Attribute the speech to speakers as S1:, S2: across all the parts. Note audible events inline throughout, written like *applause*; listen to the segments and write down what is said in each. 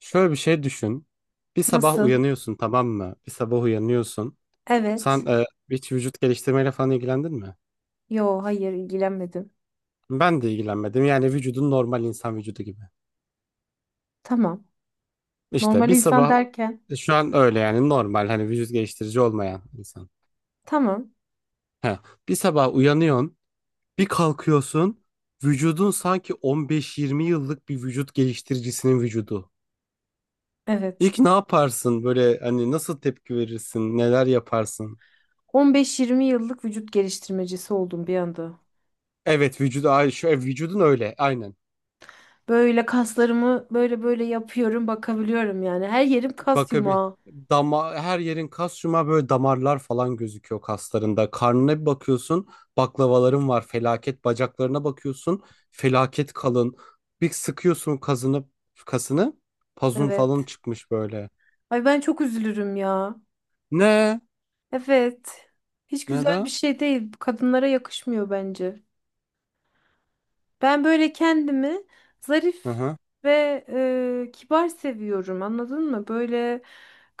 S1: Şöyle bir şey düşün. Bir sabah
S2: Nasıl?
S1: uyanıyorsun, tamam mı? Bir sabah uyanıyorsun.
S2: Evet.
S1: Sen hiç vücut geliştirmeyle falan ilgilendin mi?
S2: Yo, hayır ilgilenmedim.
S1: Ben de ilgilenmedim. Yani vücudun normal insan vücudu gibi.
S2: Tamam.
S1: İşte
S2: Normal
S1: bir
S2: insan
S1: sabah,
S2: derken.
S1: şu an öyle yani, normal hani vücut geliştirici olmayan insan.
S2: Tamam.
S1: He. Bir sabah uyanıyorsun, bir kalkıyorsun. Vücudun sanki 15-20 yıllık bir vücut geliştiricisinin vücudu. İlk
S2: Evet.
S1: ne yaparsın? Böyle hani nasıl tepki verirsin? Neler yaparsın?
S2: 15-20 yıllık vücut geliştirmecisi oldum bir anda.
S1: Evet, vücudu şu, vücudun öyle, aynen.
S2: Böyle kaslarımı böyle böyle yapıyorum, bakabiliyorum yani. Her yerim kas
S1: Bakabi
S2: yumağı.
S1: dama her yerin kas, böyle damarlar falan gözüküyor kaslarında. Karnına bir bakıyorsun, baklavaların var, felaket. Bacaklarına bakıyorsun, felaket kalın. Bir sıkıyorsun, kasını, pazun falan
S2: Evet.
S1: çıkmış böyle.
S2: Ay ben çok üzülürüm ya.
S1: Ne?
S2: Evet. Hiç güzel bir
S1: Neden?
S2: şey değil. Kadınlara yakışmıyor bence. Ben böyle kendimi
S1: Hı
S2: zarif
S1: hı,
S2: ve kibar seviyorum. Anladın mı? Böyle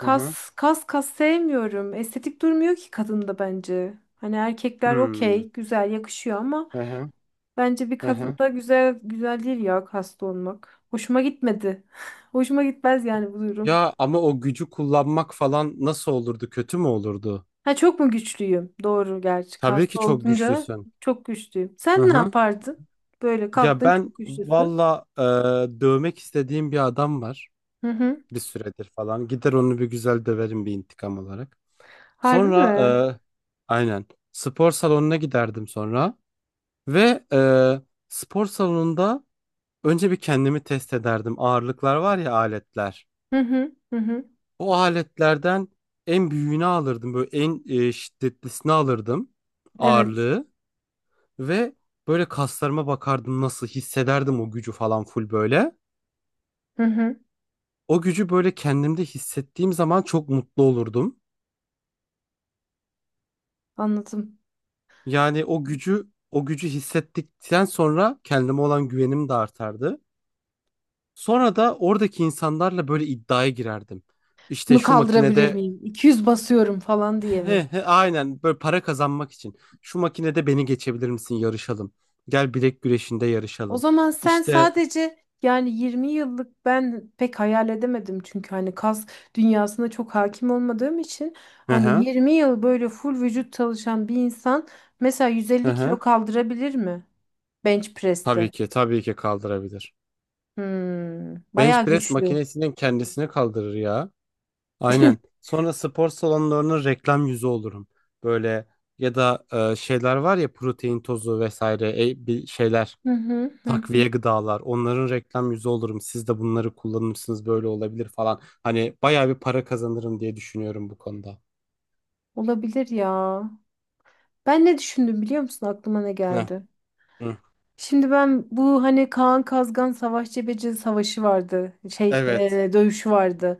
S1: hı hı.
S2: kas kas sevmiyorum. Estetik durmuyor ki kadında bence. Hani erkekler
S1: Hmm.
S2: okey, güzel yakışıyor ama
S1: Hı hı,
S2: bence bir
S1: hı hı.
S2: kadında güzel güzel değil ya kaslı olmak. Hoşuma gitmedi. *laughs* Hoşuma gitmez yani bu durum.
S1: Ya ama o gücü kullanmak falan nasıl olurdu? Kötü mü olurdu?
S2: Ha çok mu güçlüyüm? Doğru gerçi.
S1: Tabii ki
S2: Kaslı
S1: çok
S2: olunca
S1: güçlüsün.
S2: çok güçlüyüm.
S1: Hı
S2: Sen ne
S1: hı.
S2: yapardın? Böyle
S1: Ya
S2: kalktın
S1: ben
S2: çok güçlüsün.
S1: valla, dövmek istediğim bir adam var,
S2: Hı hı.
S1: bir süredir falan. Gider onu bir güzel döverim, bir intikam olarak.
S2: Harbi
S1: Sonra,
S2: mi?
S1: e, aynen, spor salonuna giderdim sonra ve spor salonunda önce bir kendimi test ederdim. Ağırlıklar var ya, aletler.
S2: Hı hı hı hı.
S1: O aletlerden en büyüğünü alırdım, böyle en şiddetlisini alırdım,
S2: Evet.
S1: ağırlığı. Ve böyle kaslarıma bakardım, nasıl hissederdim o gücü falan, full böyle.
S2: Hı hı.
S1: O gücü böyle kendimde hissettiğim zaman çok mutlu olurdum.
S2: Anladım.
S1: Yani o gücü hissettikten sonra kendime olan güvenim de artardı. Sonra da oradaki insanlarla böyle iddiaya girerdim. İşte
S2: Bunu
S1: şu
S2: kaldırabilir
S1: makinede.
S2: miyim? 200 basıyorum falan
S1: *laughs*
S2: diye
S1: He
S2: mi?
S1: he, aynen, böyle para kazanmak için. Şu makinede beni geçebilir misin? Yarışalım. Gel bilek güreşinde
S2: O
S1: yarışalım.
S2: zaman sen
S1: İşte.
S2: sadece yani 20 yıllık ben pek hayal edemedim çünkü hani kas dünyasına çok hakim olmadığım için
S1: Hı
S2: hani
S1: hı,
S2: 20 yıl böyle full vücut çalışan bir insan mesela
S1: hı
S2: 150
S1: hı.
S2: kilo kaldırabilir mi bench
S1: Tabii
S2: press'te?
S1: ki, tabii ki kaldırabilir.
S2: Hmm,
S1: Bench
S2: bayağı
S1: press
S2: güçlü.
S1: makinesinin kendisini kaldırır ya. Aynen. Sonra spor salonlarının reklam yüzü olurum. Böyle, ya da şeyler var ya, protein tozu vesaire, bir şeyler,
S2: Hı hı hı
S1: takviye
S2: hı.
S1: gıdalar, onların reklam yüzü olurum. Siz de bunları kullanırsınız, böyle olabilir falan. Hani bayağı bir para kazanırım diye düşünüyorum bu konuda.
S2: Olabilir ya. Ben ne düşündüm biliyor musun? Aklıma ne
S1: Heh,
S2: geldi?
S1: hı.
S2: Şimdi ben bu hani Kaan Kazgan Savaş Cebeci savaşı vardı.
S1: Evet.
S2: Dövüşü vardı.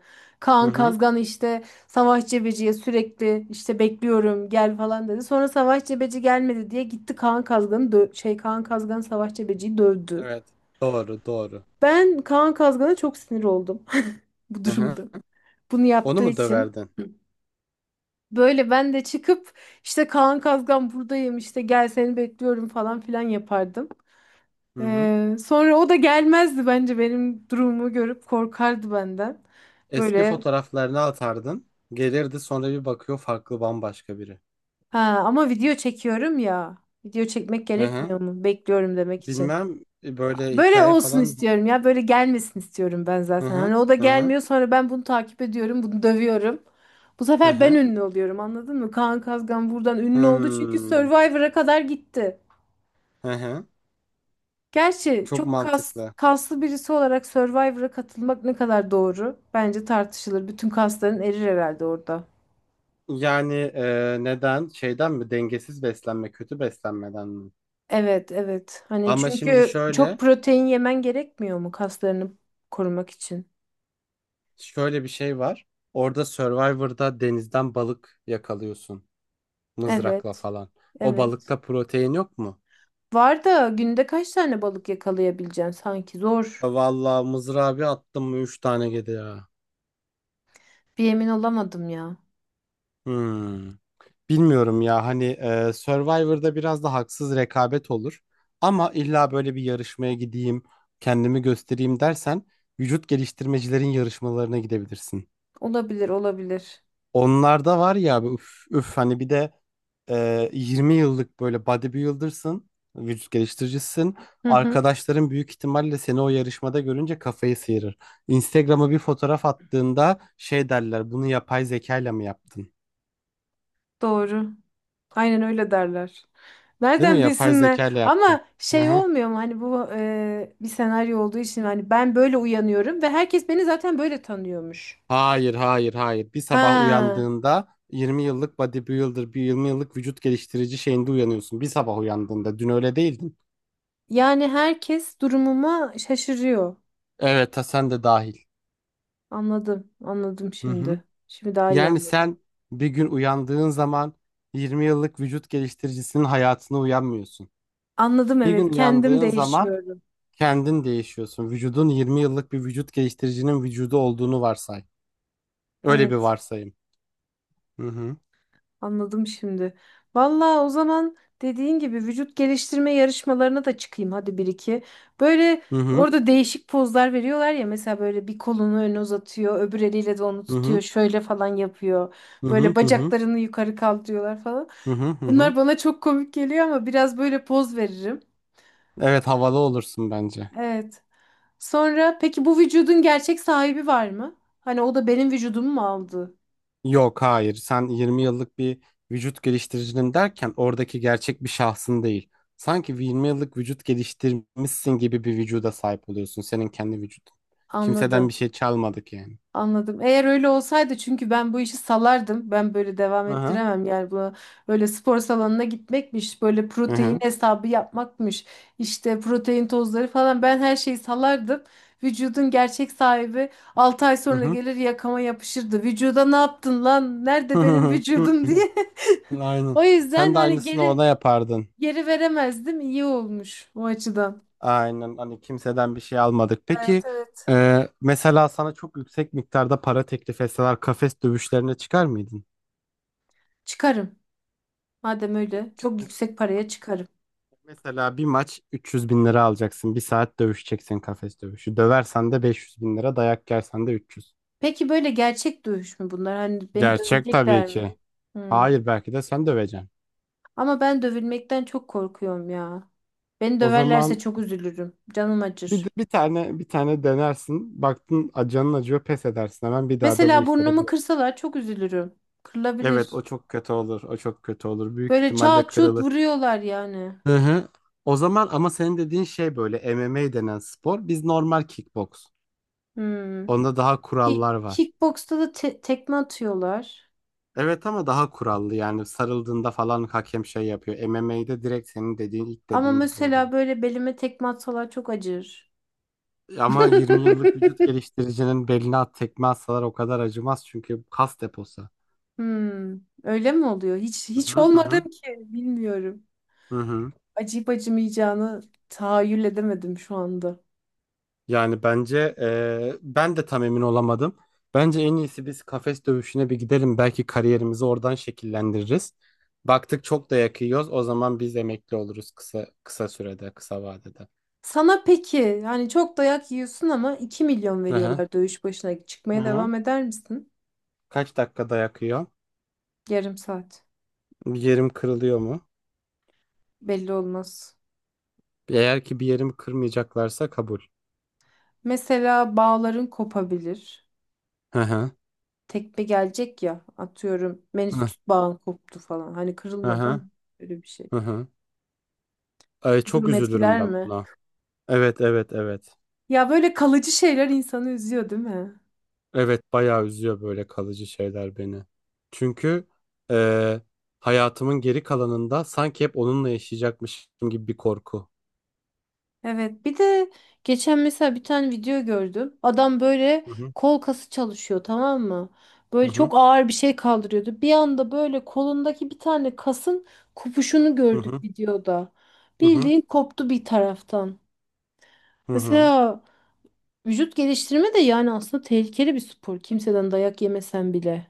S1: Hı
S2: Kaan
S1: hı.
S2: Kazgan işte Savaş Cebeci'ye sürekli işte bekliyorum gel falan dedi. Sonra Savaş Cebeci gelmedi diye gitti Kaan Kazgan Savaş Cebeci'yi dövdü.
S1: Evet. Doğru, doğru.
S2: Ben Kaan Kazgan'a çok sinir oldum *laughs* bu
S1: Hı hı.
S2: durumda. Bunu
S1: Onu
S2: yaptığı
S1: mu
S2: için.
S1: döverdin?
S2: Böyle ben de çıkıp işte Kaan Kazgan buradayım işte gel seni bekliyorum falan filan yapardım.
S1: Hı hı.
S2: Sonra o da gelmezdi bence benim durumumu görüp korkardı benden.
S1: Eski
S2: Böyle
S1: fotoğraflarını atardın. Gelirdi sonra bir bakıyor, farklı, bambaşka biri.
S2: ha ama video çekiyorum ya. Video çekmek
S1: Hı hı.
S2: gerekmiyor mu? Bekliyorum demek için.
S1: Bilmem, böyle
S2: Böyle
S1: hikaye
S2: olsun
S1: falan.
S2: istiyorum ya. Böyle gelmesin istiyorum ben
S1: Hı
S2: zaten.
S1: hı,
S2: Hani o da
S1: hı hı,
S2: gelmiyor sonra ben bunu takip ediyorum. Bunu dövüyorum. Bu
S1: hı
S2: sefer ben
S1: hı.
S2: ünlü oluyorum anladın mı? Kaan Kazgan buradan ünlü oldu çünkü
S1: Hmm,
S2: Survivor'a kadar gitti.
S1: hı hı.
S2: Gerçi
S1: Çok
S2: çok
S1: mantıklı.
S2: kaslı birisi olarak Survivor'a katılmak ne kadar doğru? Bence tartışılır. Bütün kasların erir herhalde orada.
S1: Yani, neden şeyden mi, dengesiz beslenme, kötü beslenmeden mi?
S2: Evet, evet. Hani
S1: Ama şimdi
S2: çünkü çok
S1: şöyle
S2: protein yemen gerekmiyor mu kaslarını korumak için?
S1: şöyle bir şey var. Orada Survivor'da denizden balık yakalıyorsun, mızrakla
S2: Evet,
S1: falan. O
S2: evet.
S1: balıkta protein yok mu?
S2: Var da günde kaç tane balık yakalayabileceksin sanki? Zor.
S1: Vallahi mızrağı bir attım mı 3 tane geliyor ya.
S2: Bir emin olamadım ya.
S1: Hmm. Bilmiyorum ya, hani Survivor'da biraz da haksız rekabet olur. Ama illa böyle bir yarışmaya gideyim, kendimi göstereyim dersen, vücut geliştirmecilerin yarışmalarına gidebilirsin.
S2: Olabilir, olabilir.
S1: Onlarda var ya abi, üf, üf, hani bir de 20 yıllık böyle bodybuilder'sın, vücut geliştiricisin.
S2: Hı hı.
S1: Arkadaşların büyük ihtimalle seni o yarışmada görünce kafayı sıyırır. Instagram'a bir fotoğraf attığında şey derler, bunu yapay zekayla mı yaptın?
S2: Doğru. Aynen öyle derler.
S1: Değil mi?
S2: Nereden
S1: Yapay
S2: bilsinler?
S1: zekayla yaptın.
S2: Ama
S1: Hı
S2: şey
S1: hı.
S2: olmuyor mu hani bu bir senaryo olduğu için hani ben böyle uyanıyorum ve herkes beni zaten böyle tanıyormuş.
S1: Hayır, hayır, hayır. Bir sabah
S2: Ha,
S1: uyandığında 20 yıllık bodybuilder, bir 20 yıllık vücut geliştirici şeyinde uyanıyorsun. Bir sabah uyandığında. Dün öyle değildin.
S2: yani herkes durumuma şaşırıyor.
S1: Evet, ha, sen de dahil.
S2: Anladım, anladım
S1: Hı hı.
S2: şimdi. Şimdi daha iyi
S1: Yani
S2: anladım.
S1: sen bir gün uyandığın zaman 20 yıllık vücut geliştiricisinin hayatına uyanmıyorsun.
S2: Anladım
S1: Bir gün
S2: evet, kendim
S1: uyandığın zaman
S2: değişiyorum.
S1: kendin değişiyorsun. Vücudun 20 yıllık bir vücut geliştiricinin vücudu olduğunu varsay. Öyle bir
S2: Evet.
S1: varsayım. Hı hı,
S2: Anladım şimdi. Vallahi o zaman dediğin gibi vücut geliştirme yarışmalarına da çıkayım hadi bir iki. Böyle
S1: hı hı,
S2: orada değişik pozlar veriyorlar ya mesela böyle bir kolunu öne uzatıyor, öbür eliyle de onu
S1: hı hı,
S2: tutuyor, şöyle falan yapıyor.
S1: hı
S2: Böyle
S1: hı, hı hı,
S2: bacaklarını yukarı kaldırıyorlar falan.
S1: hı hı, hı hı.
S2: Bunlar bana çok komik geliyor ama biraz böyle poz veririm.
S1: Evet, havalı olursun bence.
S2: Evet. Sonra peki bu vücudun gerçek sahibi var mı? Hani o da benim vücudumu mu aldı?
S1: Yok, hayır, sen 20 yıllık bir vücut geliştiricinin derken oradaki gerçek bir şahsın değil. Sanki 20 yıllık vücut geliştirmişsin gibi bir vücuda sahip oluyorsun, senin kendi vücudun. Kimseden bir
S2: Anladım.
S1: şey çalmadık yani.
S2: Anladım. Eğer öyle olsaydı çünkü ben bu işi salardım. Ben böyle devam
S1: Hı hı,
S2: ettiremem. Yani bu böyle spor salonuna gitmekmiş, böyle
S1: hı
S2: protein
S1: hı,
S2: hesabı yapmakmış, işte protein tozları falan ben her şeyi salardım. Vücudun gerçek sahibi 6 ay
S1: hı
S2: sonra
S1: hı,
S2: gelir yakama yapışırdı. Vücuda ne yaptın lan?
S1: hı
S2: Nerede benim
S1: hı.
S2: vücudum *laughs*
S1: *clears throat*
S2: diye.
S1: Aynen.
S2: O yüzden
S1: Sen de
S2: hani
S1: aynısını
S2: geri
S1: ona yapardın.
S2: geri veremezdim. İyi olmuş o açıdan.
S1: Aynen, hani kimseden bir şey almadık. Peki,
S2: Evet evet.
S1: mesela sana çok yüksek miktarda para teklif etseler kafes dövüşlerine çıkar mıydın?
S2: Çıkarım. Madem öyle çok yüksek paraya çıkarım.
S1: Mesela bir maç 300 bin lira alacaksın. Bir saat dövüşeceksin, kafes dövüşü. Döversen de 500 bin lira, dayak yersen de 300.
S2: Peki böyle gerçek dövüş mü bunlar? Hani beni
S1: Gerçek tabii
S2: dövecekler mi?
S1: ki.
S2: Hmm.
S1: Hayır, belki de sen döveceksin.
S2: Ama ben dövülmekten çok korkuyorum ya. Beni
S1: O
S2: döverlerse
S1: zaman
S2: çok üzülürüm. Canım acır.
S1: bir tane bir tane denersin. Baktın canın acıyor, pes edersin. Hemen bir daha da bu
S2: Mesela
S1: işlere
S2: burnumu
S1: bulaşma.
S2: kırsalar çok üzülürüm.
S1: Evet, o
S2: Kırılabilir.
S1: çok kötü olur. O çok kötü olur. Büyük
S2: Böyle
S1: ihtimalle
S2: çat çut
S1: kırılır.
S2: vuruyorlar yani.
S1: Hı hı. O zaman ama senin dediğin şey böyle MMA denen spor. Biz normal kickbox.
S2: Hmm.
S1: Onda daha
S2: Ki
S1: kurallar var.
S2: kickboksta da tekme atıyorlar.
S1: Evet ama daha kurallı, yani sarıldığında falan hakem şey yapıyor. MMA'de direkt senin dediğin, ilk
S2: Ama
S1: dediğin gibi oluyor.
S2: mesela böyle belime tekme atsalar çok acır.
S1: Ama
S2: *laughs*
S1: 20 yıllık vücut geliştiricinin beline at tekme atsalar o kadar acımaz, çünkü kas deposu.
S2: Hmm. Öyle mi oluyor? Hiç
S1: Hı
S2: hiç
S1: hı, hı
S2: olmadım
S1: hı,
S2: ki. Bilmiyorum.
S1: hı hı.
S2: Acıyıp acımayacağını tahayyül edemedim şu anda.
S1: Yani bence, ben de tam emin olamadım. Bence en iyisi biz kafes dövüşüne bir gidelim. Belki kariyerimizi oradan şekillendiririz. Baktık çok da yakıyoruz, o zaman biz emekli oluruz, kısa kısa sürede, kısa vadede.
S2: Sana peki yani çok dayak yiyorsun ama 2 milyon
S1: Hı hı,
S2: veriyorlar dövüş başına
S1: hı
S2: çıkmaya
S1: hı.
S2: devam eder misin?
S1: Kaç dakikada yakıyor?
S2: Yarım saat
S1: Bir yerim kırılıyor mu?
S2: belli olmaz.
S1: Eğer ki bir yerimi kırmayacaklarsa kabul.
S2: Mesela bağların kopabilir.
S1: Hı hı,
S2: Tekme gelecek ya atıyorum
S1: hı hı,
S2: menisküs bağın koptu falan. Hani
S1: hı
S2: kırılmadı ama
S1: hı,
S2: öyle bir şey.
S1: hı. Ay,
S2: Bu
S1: çok
S2: durum
S1: üzülürüm
S2: etkiler
S1: ben
S2: mi?
S1: buna. Evet, evet, evet.
S2: Ya böyle kalıcı şeyler insanı üzüyor değil mi?
S1: Evet, bayağı üzüyor böyle kalıcı şeyler beni. Çünkü eee, hayatımın geri kalanında sanki hep onunla yaşayacakmışım gibi bir korku.
S2: Evet bir de geçen mesela bir tane video gördüm. Adam böyle
S1: Hı hı,
S2: kol kası çalışıyor tamam mı?
S1: hı
S2: Böyle
S1: hı,
S2: çok ağır bir şey kaldırıyordu. Bir anda böyle kolundaki bir tane kasın kopuşunu
S1: hı hı,
S2: gördük videoda.
S1: hı hı,
S2: Bildiğin koptu bir taraftan.
S1: hı hı.
S2: Mesela vücut geliştirme de yani aslında tehlikeli bir spor. Kimseden dayak yemesen bile.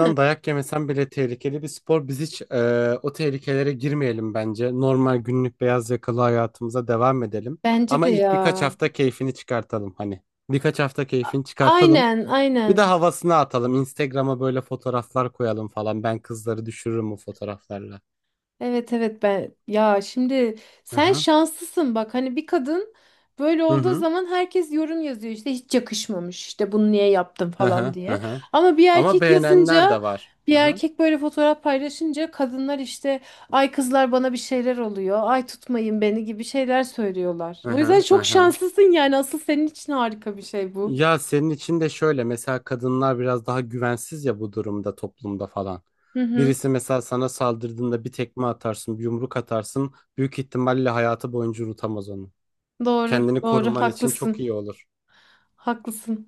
S2: Hı.
S1: dayak yemesen bile tehlikeli bir spor. Biz hiç o tehlikelere girmeyelim bence. Normal günlük beyaz yakalı hayatımıza devam edelim.
S2: Bence
S1: Ama
S2: de
S1: ilk birkaç
S2: ya.
S1: hafta keyfini çıkartalım hani. Birkaç hafta
S2: A-
S1: keyfini çıkartalım.
S2: Aynen
S1: Bir de
S2: aynen.
S1: havasını atalım. Instagram'a böyle fotoğraflar koyalım falan. Ben kızları düşürürüm bu fotoğraflarla.
S2: Evet evet ben ya şimdi
S1: Hı
S2: sen
S1: hı,
S2: şanslısın bak hani bir kadın böyle
S1: hı
S2: olduğu
S1: hı,
S2: zaman herkes yorum yazıyor işte hiç yakışmamış işte bunu niye yaptın
S1: hı hı,
S2: falan
S1: hı
S2: diye.
S1: hı.
S2: Ama bir
S1: Ama
S2: erkek
S1: beğenenler
S2: yazınca
S1: de var.
S2: bir
S1: Hı hı,
S2: erkek böyle fotoğraf paylaşınca kadınlar işte ay kızlar bana bir şeyler oluyor ay tutmayın beni gibi şeyler söylüyorlar.
S1: hı
S2: O yüzden
S1: hı, hı
S2: çok
S1: hı.
S2: şanslısın yani asıl senin için harika bir şey bu.
S1: Ya senin için de şöyle, mesela kadınlar biraz daha güvensiz ya bu durumda, toplumda falan.
S2: Hı hı
S1: Birisi mesela sana saldırdığında bir tekme atarsın, bir yumruk atarsın. Büyük ihtimalle hayatı boyunca unutamaz onu.
S2: doğru
S1: Kendini
S2: doğru
S1: koruman için çok
S2: haklısın
S1: iyi olur.
S2: haklısın.